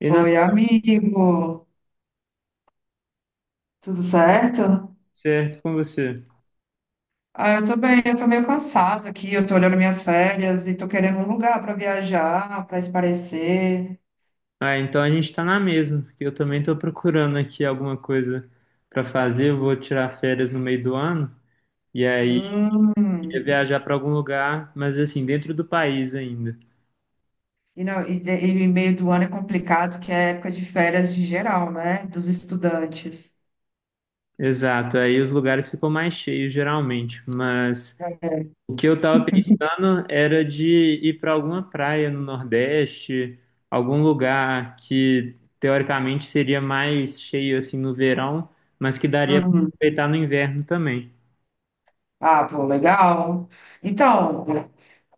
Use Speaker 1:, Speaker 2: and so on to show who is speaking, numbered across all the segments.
Speaker 1: E não,
Speaker 2: Oi, amigo, tudo certo?
Speaker 1: certo com você.
Speaker 2: Ah, eu tô bem, eu tô meio cansada aqui, eu tô olhando minhas férias e tô querendo um lugar para viajar, para espairecer.
Speaker 1: Ah, então a gente tá na mesma, porque eu também tô procurando aqui alguma coisa pra fazer. Eu vou tirar férias no meio do ano e aí ia
Speaker 2: Hum.
Speaker 1: viajar pra algum lugar, mas assim, dentro do país ainda.
Speaker 2: E, não, e, e meio do ano é complicado, que é época de férias de geral, né? Dos estudantes.
Speaker 1: Exato, aí os lugares ficam mais cheios geralmente, mas
Speaker 2: É.
Speaker 1: o que eu tava pensando era de ir pra alguma praia no Nordeste, algum lugar que teoricamente seria mais cheio assim no verão, mas que daria pra
Speaker 2: Uhum.
Speaker 1: aproveitar no inverno também.
Speaker 2: Ah, pô, legal. Então,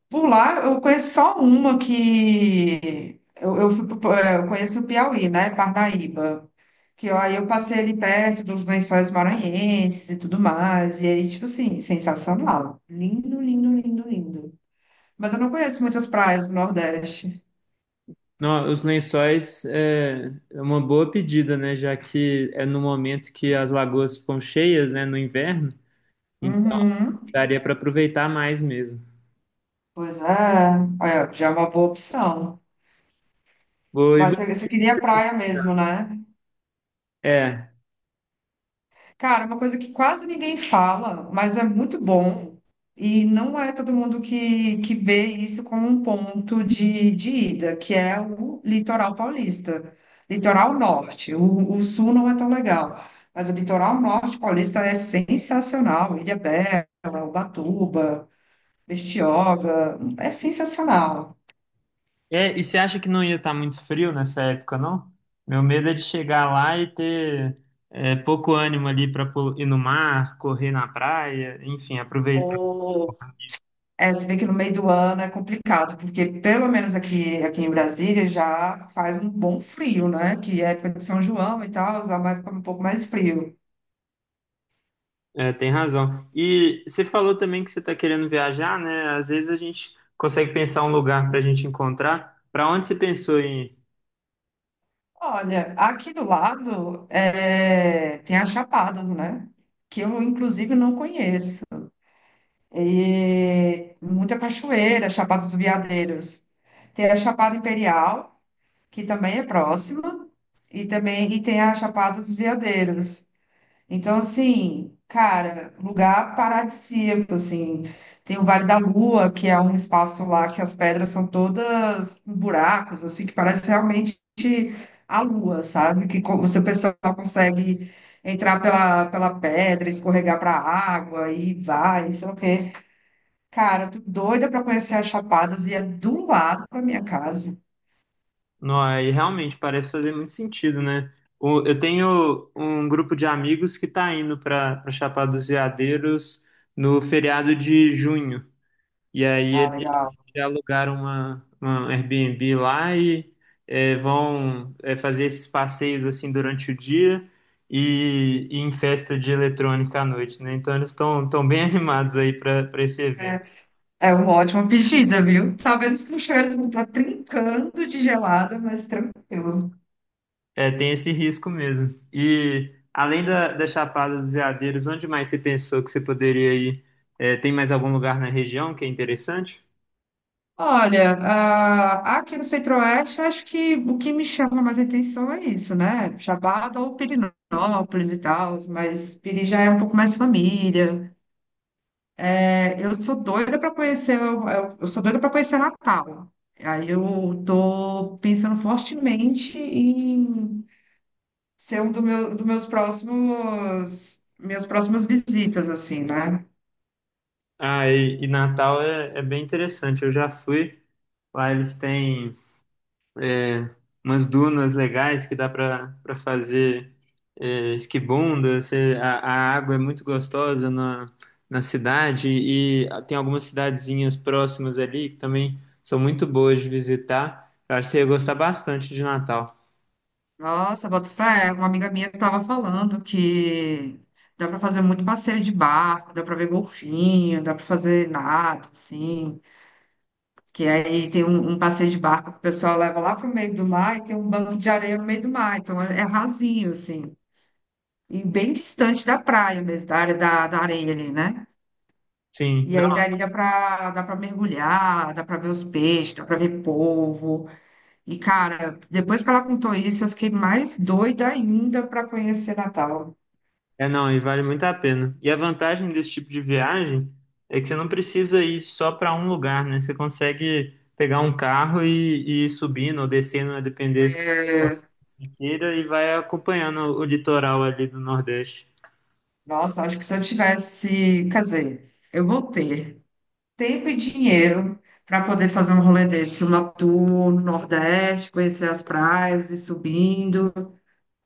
Speaker 2: por lá, eu conheço só uma que. Eu conheço o Piauí, né? Parnaíba. Que ó, aí eu passei ali perto dos lençóis maranhenses e tudo mais. E aí, tipo assim, sensacional. Lindo, lindo, lindo, lindo. Mas eu não conheço muitas praias do Nordeste.
Speaker 1: Não, os lençóis é uma boa pedida, né? Já que é no momento que as lagoas ficam cheias, né? No inverno, então
Speaker 2: Uhum.
Speaker 1: daria para aproveitar mais mesmo.
Speaker 2: Pois é. Olha, já é uma boa opção.
Speaker 1: Vou, e
Speaker 2: Mas
Speaker 1: vou-
Speaker 2: você queria praia mesmo, né?
Speaker 1: é,
Speaker 2: Cara, é uma coisa que quase ninguém fala, mas é muito bom, e não é todo mundo que vê isso como um ponto de ida, que é o litoral paulista, litoral norte. O sul não é tão legal, mas o litoral norte paulista é sensacional. Ilhabela, Ubatuba, Bertioga, é sensacional.
Speaker 1: é. E você acha que não ia estar muito frio nessa época, não? Meu medo é de chegar lá e ter pouco ânimo ali para ir no mar, correr na praia, enfim, aproveitar.
Speaker 2: É, se vê que no meio do ano é complicado, porque pelo menos aqui, em Brasília já faz um bom frio, né? Que é a época de São João e tal, já vai ficar um pouco mais frio.
Speaker 1: É, tem razão. E você falou também que você está querendo viajar, né? Às vezes a gente consegue pensar um lugar para a gente encontrar. Para onde você pensou em ir?
Speaker 2: Olha, aqui do lado é, tem as Chapadas, né? Que eu, inclusive, não conheço. E muita cachoeira, Chapada dos Veadeiros. Tem a Chapada Imperial, que também é próxima, e também e tem a Chapada dos Veadeiros. Então, assim, cara, lugar paradisíaco, assim. Tem o Vale da Lua, que é um espaço lá que as pedras são todas com buracos, assim, que parece realmente a lua, sabe? Que você, o pessoal consegue entrar pela pedra, escorregar para a água e vai, sei lá o quê. Cara, eu tô doida para conhecer as Chapadas e é do lado da minha casa.
Speaker 1: Nó, aí realmente parece fazer muito sentido, né? Eu tenho um grupo de amigos que está indo para Chapada dos Veadeiros no feriado de junho. E aí
Speaker 2: Ah, legal.
Speaker 1: já alugaram uma Airbnb lá e vão fazer esses passeios assim durante o dia e em festa de eletrônica à noite, né? Então eles estão tão bem animados aí para esse evento.
Speaker 2: É, é uma ótima pedida, viu? Talvez os puxeiros vão estar trincando de gelada, mas tranquilo.
Speaker 1: É, tem esse risco mesmo. E além da Chapada dos Veadeiros, onde mais você pensou que você poderia ir? É, tem mais algum lugar na região que é interessante?
Speaker 2: Olha, ah, aqui no Centro-Oeste, eu acho que o que me chama mais atenção é isso, né? Chapada ou Pirinópolis e tal, mas Piri já é um pouco mais família. É, eu sou doida para conhecer, eu sou doida para conhecer Natal. Aí eu tô pensando fortemente em ser um do meu, dos meus próximos, minhas próximas visitas, assim, né?
Speaker 1: Ah, e Natal é bem interessante. Eu já fui. Lá eles têm. é, Umas dunas legais que dá para fazer esquibunda. A água é muito gostosa na cidade e tem algumas cidadezinhas próximas ali que também são muito boas de visitar. Eu acho que você ia gostar bastante de Natal.
Speaker 2: Nossa, boto fé. Uma amiga minha estava falando que dá para fazer muito passeio de barco, dá para ver golfinho, dá para fazer nado, assim. Que aí tem um passeio de barco que o pessoal leva lá para o meio do mar e tem um banco de areia no meio do mar. Então é rasinho, assim. E bem distante da praia mesmo, da área da areia ali, né?
Speaker 1: Sim,
Speaker 2: E aí
Speaker 1: não,
Speaker 2: dali dá para mergulhar, dá para ver os peixes, dá para ver polvo. E, cara, depois que ela contou isso, eu fiquei mais doida ainda para conhecer Natal.
Speaker 1: é não, e vale muito a pena. E a vantagem desse tipo de viagem é que você não precisa ir só para um lugar, né? Você consegue pegar um carro e ir subindo ou descendo, a depender Siqueira e vai acompanhando o litoral ali do Nordeste.
Speaker 2: Nossa, acho que se eu tivesse, quer dizer, eu vou ter tempo e dinheiro para poder fazer um rolê desse, uma tour no Nordeste, conhecer as praias e subindo,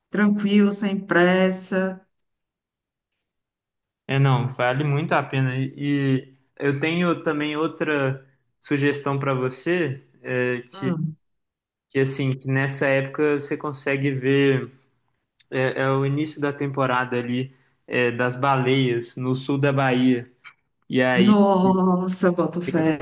Speaker 2: tranquilo, sem pressa.
Speaker 1: É, não, vale muito a pena. E, eu tenho também outra sugestão para você,
Speaker 2: Hum.
Speaker 1: que assim, que nessa época você consegue ver, é o início da temporada ali, das baleias no sul da Bahia. E aí
Speaker 2: Nossa, eu boto fé.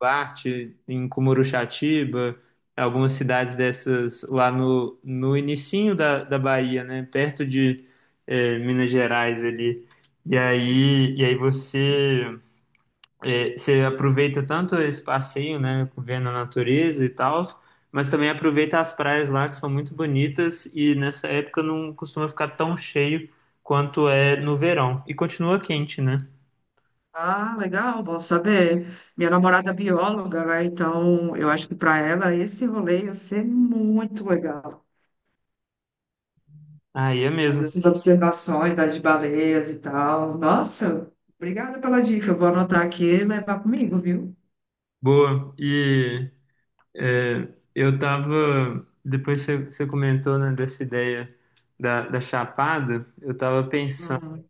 Speaker 1: Duarte, em Cumuruxatiba, algumas cidades dessas lá no inicinho da Bahia, né? Perto de Minas Gerais ali. E aí você, você aproveita tanto esse passeio, né? Vendo a natureza e tal, mas também aproveita as praias lá que são muito bonitas e nessa época não costuma ficar tão cheio quanto é no verão. E continua quente, né?
Speaker 2: Ah, legal, bom saber. Minha namorada é bióloga, né? Então eu acho que para ela esse rolê ia ser muito legal.
Speaker 1: Aí é mesmo.
Speaker 2: Fazer essas observações das baleias e tal. Nossa, obrigada pela dica. Eu vou anotar aqui e levar comigo, viu?
Speaker 1: Boa. É, eu tava, depois você comentou, né, dessa ideia da Chapada, eu tava pensando
Speaker 2: Uhum.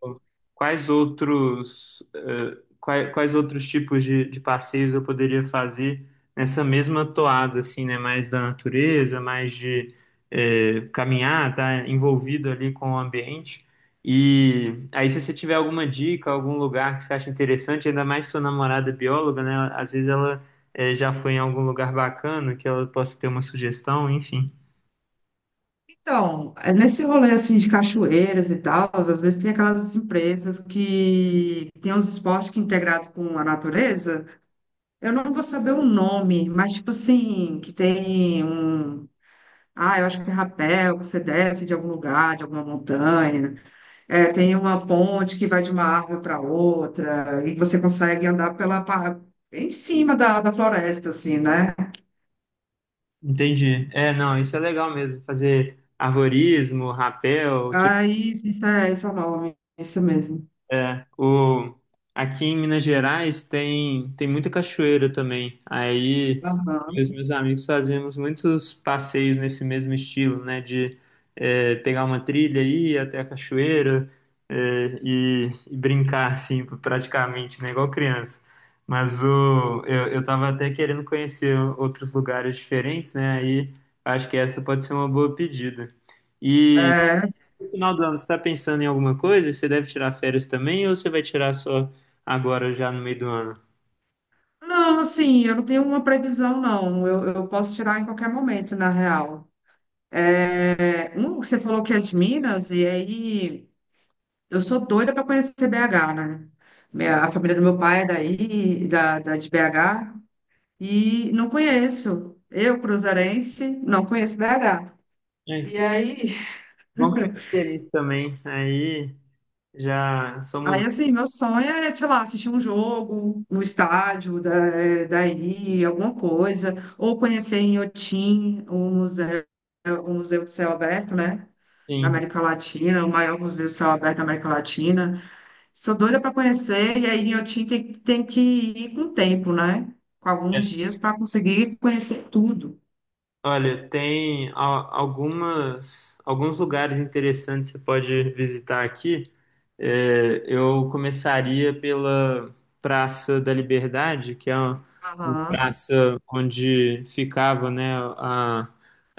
Speaker 1: quais outros, quais outros tipos de passeios eu poderia fazer nessa mesma toada, assim, né, mais da natureza, mais de caminhar, tá envolvido ali com o ambiente. E aí, se você tiver alguma dica, algum lugar que você acha interessante, ainda mais sua namorada é bióloga, né, às vezes ela já foi em algum lugar bacana que ela possa ter uma sugestão, enfim.
Speaker 2: Então, é nesse rolê assim de cachoeiras e tal, às vezes tem aquelas empresas que tem uns esportes que é integrado com a natureza. Eu não vou saber o nome, mas tipo assim, que tem um, eu acho que é rapel, que você desce de algum lugar, de alguma montanha. É, tem uma ponte que vai de uma árvore para outra, e você consegue andar em cima da floresta, assim, né?
Speaker 1: Entendi. É, não, isso é legal mesmo. Fazer arvorismo, rapel, tipo,
Speaker 2: Aí, isso é, esse é o nome, isso mesmo.
Speaker 1: é, o aqui em Minas Gerais tem muita cachoeira também. Aí
Speaker 2: Aham.
Speaker 1: os meus amigos fazíamos muitos passeios nesse mesmo estilo, né? De pegar uma trilha e ir até a cachoeira e brincar, assim, praticamente, né? Igual criança. Mas eu tava até querendo conhecer outros lugares diferentes, né? Aí acho que essa pode ser uma boa pedida. E
Speaker 2: É,
Speaker 1: no final do ano, você está pensando em alguma coisa? Você deve tirar férias também ou você vai tirar só agora, já no meio do ano?
Speaker 2: não, assim, eu não tenho uma previsão, não. Eu posso tirar em qualquer momento, na real. É, um, você falou que é de Minas, e aí eu sou doida para conhecer BH, né? A família do meu pai é daí, de BH. E não conheço. Eu, cruzeirense, não conheço BH.
Speaker 1: É,
Speaker 2: E
Speaker 1: que
Speaker 2: aí,
Speaker 1: bom que você tem isso também. Aí. Já somos
Speaker 2: aí assim, meu sonho é, sei lá, assistir um jogo no estádio da, daí, alguma coisa, ou conhecer em Inhotim, o Museu de Céu Aberto, né? Da
Speaker 1: assim.
Speaker 2: América Latina, o maior museu de céu aberto da América Latina. Sou doida para conhecer, e aí em Inhotim tem que ir com tempo, né? Com
Speaker 1: É.
Speaker 2: alguns dias para conseguir conhecer tudo.
Speaker 1: Olha, tem algumas, alguns lugares interessantes que você pode visitar aqui. É, eu começaria pela Praça da Liberdade, que é uma
Speaker 2: Aham.
Speaker 1: praça onde ficava, né, a,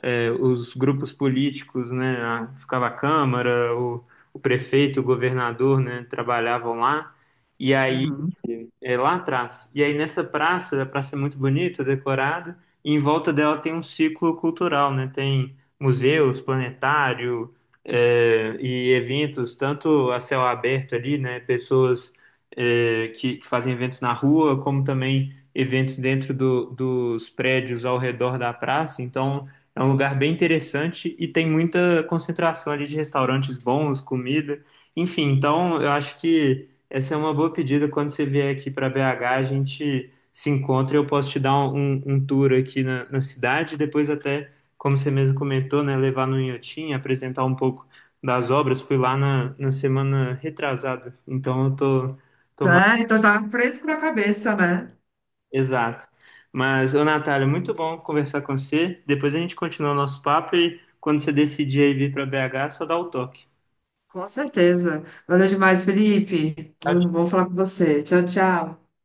Speaker 1: é, os grupos políticos, né, ficava a Câmara, o prefeito, o governador, né, trabalhavam lá. E aí
Speaker 2: Uhum.
Speaker 1: dele é, lá atrás. E aí nessa praça, a praça é muito bonita, decorada, e em volta dela tem um ciclo cultural, né? Tem museus, planetário, e eventos, tanto a céu aberto ali, né? Pessoas que fazem eventos na rua, como também eventos dentro dos prédios ao redor da praça. Então é um lugar bem interessante e tem muita concentração ali de restaurantes bons, comida. Enfim, então eu acho que essa é uma boa pedida. Quando você vier aqui para BH, a gente se encontra. E eu posso te dar um, um tour aqui na cidade, depois até, como você mesmo comentou, né, levar no Inhotim, apresentar um pouco das obras. Fui lá na semana retrasada, então tô mais
Speaker 2: Sério, então tá fresco na cabeça, né?
Speaker 1: exato. Mas, ô Natália, muito bom conversar com você. Depois a gente continua o nosso papo e quando você decidir aí vir para BH, só dá o toque.
Speaker 2: Com certeza. Valeu demais, Felipe. Vamos falar com você. Tchau, tchau.